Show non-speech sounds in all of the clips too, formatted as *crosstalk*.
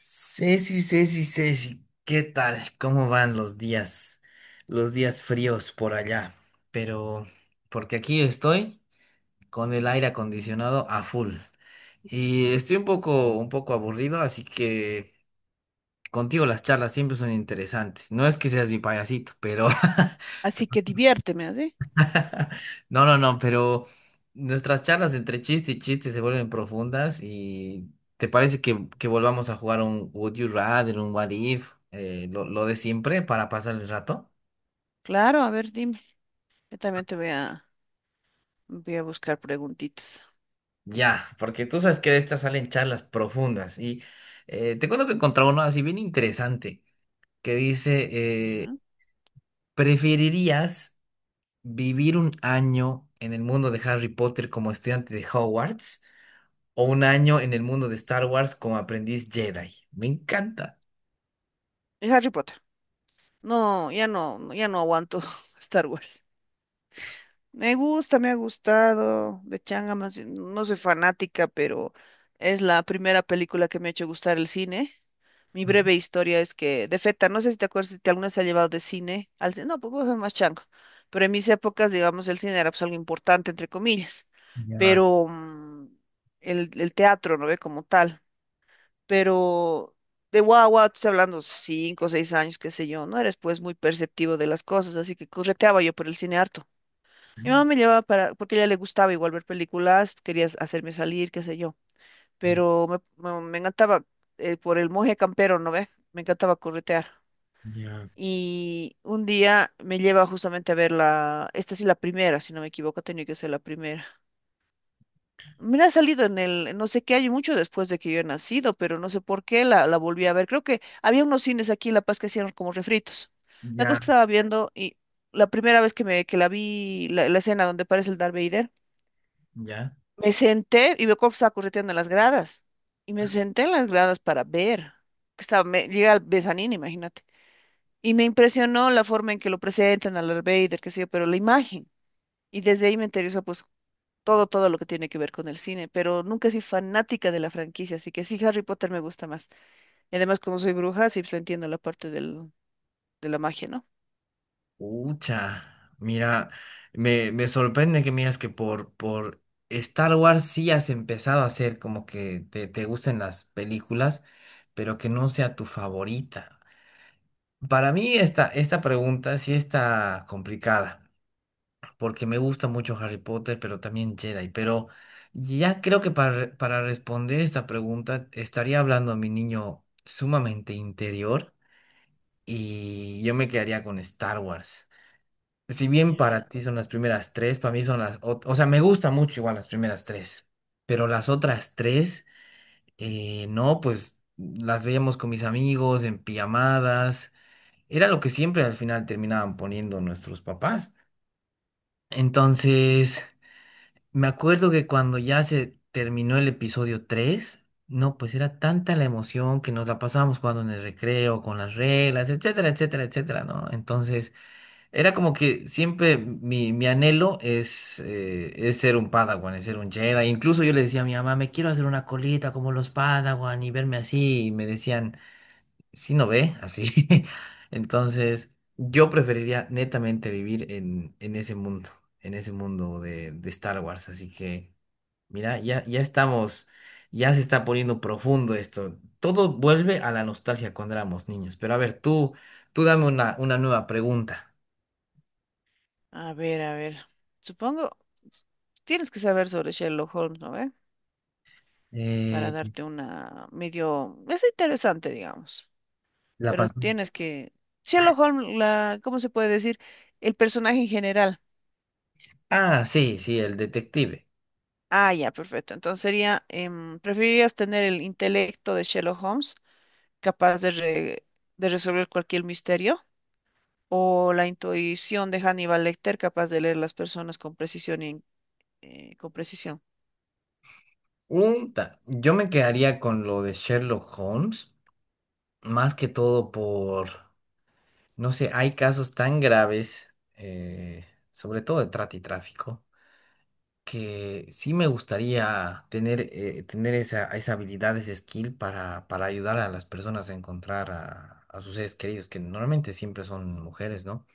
Ceci, ¿qué tal? ¿Cómo van los días fríos por allá? Pero, porque aquí estoy con el aire acondicionado a full y estoy un poco aburrido, así que contigo las charlas siempre son interesantes. No es que seas mi payasito, pero, Así *laughs* que diviérteme, ¿así? *laughs* No, no, no, pero nuestras charlas entre chiste y chiste se vuelven profundas y ¿te parece que volvamos a jugar un Would You Rather, un What If, lo de siempre para pasar el rato? Claro, a ver, dime. Yo también te voy a, voy a buscar preguntitas. Ya, porque tú sabes que de estas salen charlas profundas y te cuento que encontré uno así bien interesante que dice, eh, ¿Ya? ¿preferirías vivir un año en el mundo de Harry Potter como estudiante de Hogwarts? O un año en el mundo de Star Wars como aprendiz Jedi. Me encanta. Y Harry Potter. No, ya no, no, ya no aguanto *laughs* Star Wars. Me gusta, me ha gustado. De changa más, bien, no soy fanática, pero es la primera película que me ha hecho gustar el cine. Mi Ujú. breve historia es que, de Feta, no sé si te acuerdas si te alguna vez te ha llevado de cine al cine. No, pues vos sos más chango. Pero en mis épocas, digamos, el cine era pues algo importante, entre comillas. Ya, Pero el teatro, ¿no ve? Como tal. Pero de guagua, tú estás hablando cinco o seis años, qué sé yo, no eres pues muy perceptivo de las cosas, así que correteaba yo por el cine harto. Mi mamá me llevaba para, porque a ella le gustaba igual ver películas, quería hacerme salir, qué sé yo, pero me encantaba, por el moje campero, ¿no ves? Me encantaba corretear. ya, Y un día me lleva justamente a ver la, esta sí la primera, si no me equivoco, tenía que ser la primera. Mira, ha salido en el, no sé qué año, mucho después de que yo he nacido, pero no sé por qué la volví a ver. Creo que había unos cines aquí en La Paz que hacían como refritos. La cosa ya, que estaba viendo y la primera vez que me que la vi, la escena donde aparece el Darth Vader. ya. Me senté y veo cómo estaba correteando en las gradas. Y me senté en las gradas para ver. Que estaba, me, llega el Besanín, imagínate. Y me impresionó la forma en que lo presentan a Darth Vader, qué sé yo, pero la imagen. Y desde ahí me interesó pues todo lo que tiene que ver con el cine. Pero nunca soy fanática de la franquicia, así que sí, Harry Potter me gusta más. Y además, como soy bruja, sí pues, entiendo la parte del, de la magia, ¿no? Ucha. Mira, me sorprende que me digas que por Star Wars sí has empezado a hacer como que te gusten las películas, pero que no sea tu favorita. Para mí esta pregunta sí está complicada, porque me gusta mucho Harry Potter, pero también Jedi. Pero ya creo que para responder esta pregunta estaría hablando a mi niño sumamente interior y yo me quedaría con Star Wars. Si bien Ya. para ti son las primeras tres, para mí son las... O sea, me gusta mucho igual las primeras tres, pero las otras tres, no, pues las veíamos con mis amigos en pijamadas. Era lo que siempre al final terminaban poniendo nuestros papás. Entonces... Me acuerdo que cuando ya se terminó el episodio 3 no, pues era tanta la emoción que nos la pasábamos jugando en el recreo, con las reglas, etcétera, etcétera, etcétera, ¿no? Entonces, era como que siempre mi anhelo es ser un Padawan, es ser un Jedi. Incluso yo le decía a mi mamá, me quiero hacer una colita como los Padawan y verme así. Y me decían, si no ve, así. *laughs* Entonces, yo preferiría netamente vivir en ese mundo de Star Wars. Así que. Mira, ya, ya estamos, ya se está poniendo profundo esto. Todo vuelve a la nostalgia cuando éramos niños. Pero a ver, tú dame una nueva pregunta. A ver, a ver. Supongo, tienes que saber sobre Sherlock Holmes, ¿no ve? Para Eh, darte una medio, es interesante, digamos, la pero pantalla. tienes que, Sherlock Holmes, la, ¿cómo se puede decir? El personaje en general. Ah, sí, sí, el detective. Ah, ya, perfecto. Entonces sería, ¿preferirías tener el intelecto de Sherlock Holmes, capaz de, de resolver cualquier misterio, o la intuición de Hannibal Lecter, capaz de leer las personas con precisión y con precisión? Yo me quedaría con lo de Sherlock Holmes, más que todo por, no sé, hay casos tan graves, sobre todo de trata y tráfico, que sí me gustaría tener, tener esa habilidad, ese skill para ayudar a las personas a encontrar a sus seres queridos, que normalmente siempre son mujeres, ¿no?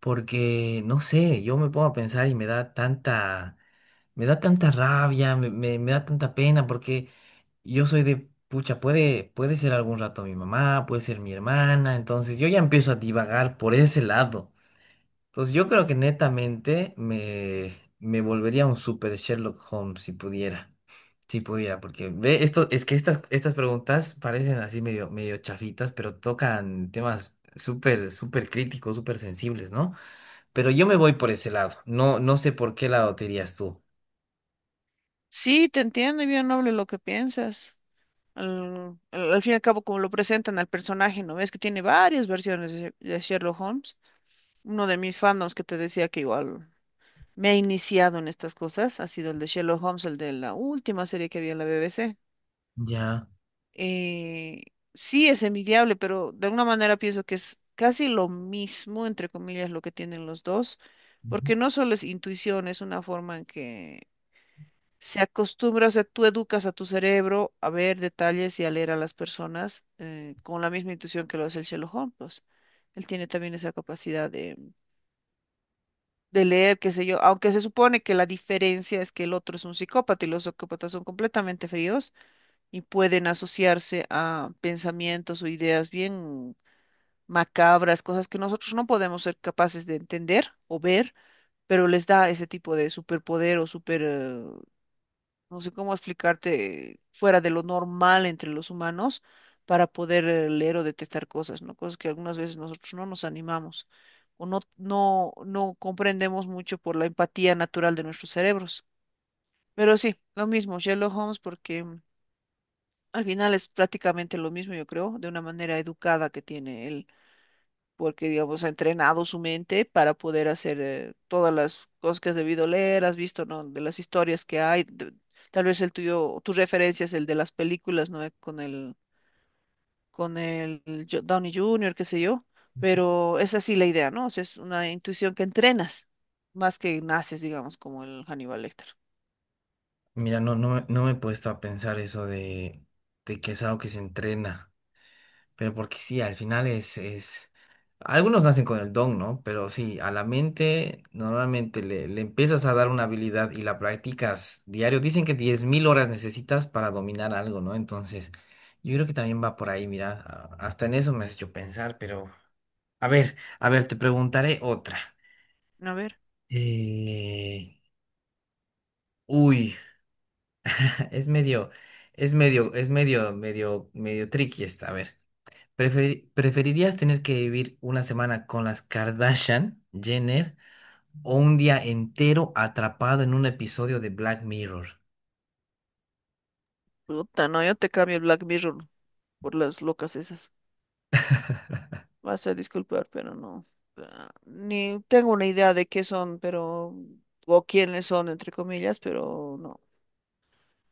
Porque, no sé, yo me pongo a pensar y me da tanta rabia, me da tanta pena, porque yo soy de, pucha, puede, puede ser algún rato mi mamá, puede ser mi hermana, entonces yo ya empiezo a divagar por ese lado. Entonces yo creo que netamente me volvería un super Sherlock Holmes si pudiera. Si pudiera, porque ve, esto, es que estas preguntas parecen así medio, medio chafitas, pero tocan temas súper, súper críticos, súper sensibles, ¿no? Pero yo me voy por ese lado. No, no sé por qué lado te irías tú. Sí, te entiendo, y bien noble lo que piensas. Al fin y al cabo, como lo presentan al personaje, ¿no ves? Que tiene varias versiones de Sherlock Holmes. Uno de mis fandoms que te decía que igual me ha iniciado en estas cosas ha sido el de Sherlock Holmes, el de la última serie que había en la BBC. Ya. Eh, sí, es envidiable, pero de alguna manera pienso que es casi lo mismo, entre comillas, lo que tienen los dos, Ujú. porque no solo es intuición, es una forma en que se acostumbra, o sea, tú educas a tu cerebro a ver detalles y a leer a las personas, con la misma intuición que lo hace el Sherlock Holmes, pues. Él tiene también esa capacidad de leer, qué sé yo, aunque se supone que la diferencia es que el otro es un psicópata y los psicópatas son completamente fríos y pueden asociarse a pensamientos o ideas bien macabras, cosas que nosotros no podemos ser capaces de entender o ver, pero les da ese tipo de superpoder o super, no sé cómo explicarte, fuera de lo normal entre los humanos para poder, leer o detectar cosas, ¿no? Cosas que algunas veces nosotros no nos animamos o no comprendemos mucho por la empatía natural de nuestros cerebros. Pero sí, lo mismo, Sherlock Holmes, porque al final es prácticamente lo mismo, yo creo, de una manera educada que tiene él porque, digamos, ha entrenado su mente para poder hacer, todas las cosas que has debido leer, has visto, ¿no? De las historias que hay, de tal vez el tuyo, tu referencia es el de las películas, ¿no? Con el Downey Junior, qué sé yo, pero es así la idea, ¿no? O sea, es una intuición que entrenas, más que naces, digamos, como el Hannibal Lecter. Mira, no me he puesto a pensar eso de que es algo que se entrena. Pero porque sí, al final es... Algunos nacen con el don, ¿no? Pero sí, a la mente normalmente le empiezas a dar una habilidad y la practicas diario. Dicen que 10.000 horas necesitas para dominar algo, ¿no? Entonces, yo creo que también va por ahí, mira, hasta en eso me has hecho pensar, pero... a ver, te preguntaré otra. A ver, Eh, Uy, *laughs* es medio, es medio, es medio, medio tricky esta, a ver. ¿Preferirías tener que vivir una semana con las Kardashian, Jenner, o un día entero atrapado en un episodio de Black Mirror? puta, no, yo te cambio el Black Mirror por las locas esas. Vas a disculpar, pero no. Ah, ni tengo una idea de qué son, pero, o quiénes son, entre comillas, pero no.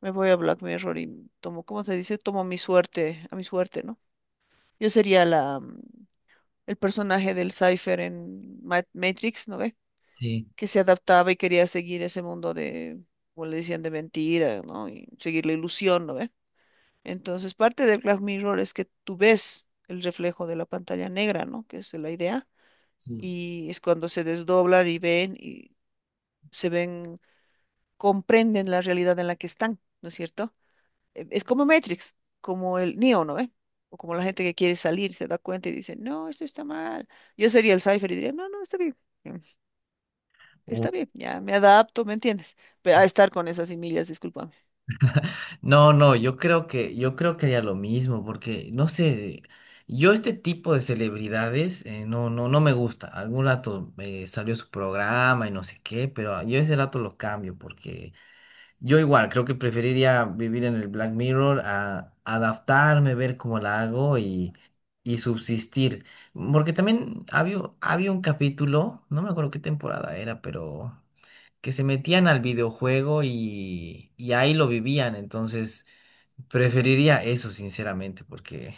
Me voy a Black Mirror y tomo, ¿cómo se dice? Tomo mi suerte, a mi suerte, ¿no? Yo sería la, el personaje del Cypher en Matrix, ¿no ve? Sí. Que se adaptaba y quería seguir ese mundo de, como le decían, de mentira, ¿no? Y seguir la ilusión, ¿no ve? Entonces, parte del Black Mirror es que tú ves el reflejo de la pantalla negra, ¿no? Que es la idea, Sí. y es cuando se desdoblan y ven y se ven, comprenden la realidad en la que están, ¿no es cierto? Es como Matrix, como el Neo, ¿no ve? O como la gente que quiere salir, se da cuenta y dice, no, esto está mal. Yo sería el Cypher y diría, no, no, está bien, mm, Uy, está bien, ya me adapto, ¿me entiendes? A estar con esas semillas, discúlpame. no, no, yo creo que haría lo mismo, porque no sé, yo este tipo de celebridades no, no, no me gusta. Algún rato salió su programa y no sé qué, pero yo ese rato lo cambio, porque yo igual, creo que preferiría vivir en el Black Mirror a adaptarme, ver cómo la hago y subsistir. Porque también había un capítulo, no me acuerdo qué temporada era, pero que se metían al videojuego y ahí lo vivían. Entonces, preferiría eso, sinceramente, porque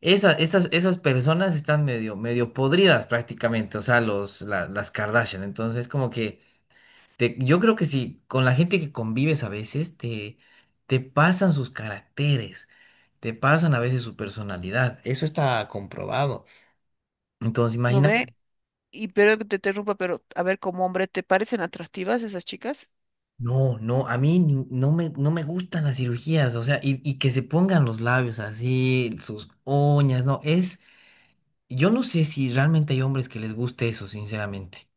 esas personas están medio, medio podridas prácticamente, o sea, las Kardashian. Entonces, como que yo creo que si con la gente que convives a veces te pasan sus caracteres, te pasan a veces su personalidad, eso está comprobado. Entonces, ¿No imagina, ve? Y pero que te interrumpa, pero a ver, como hombre, ¿te parecen atractivas esas chicas? no, no, a mí ni- no me, no me gustan las cirugías, o sea, y que se pongan los labios así, sus uñas, no, es, yo no sé si realmente hay hombres que les guste eso, sinceramente.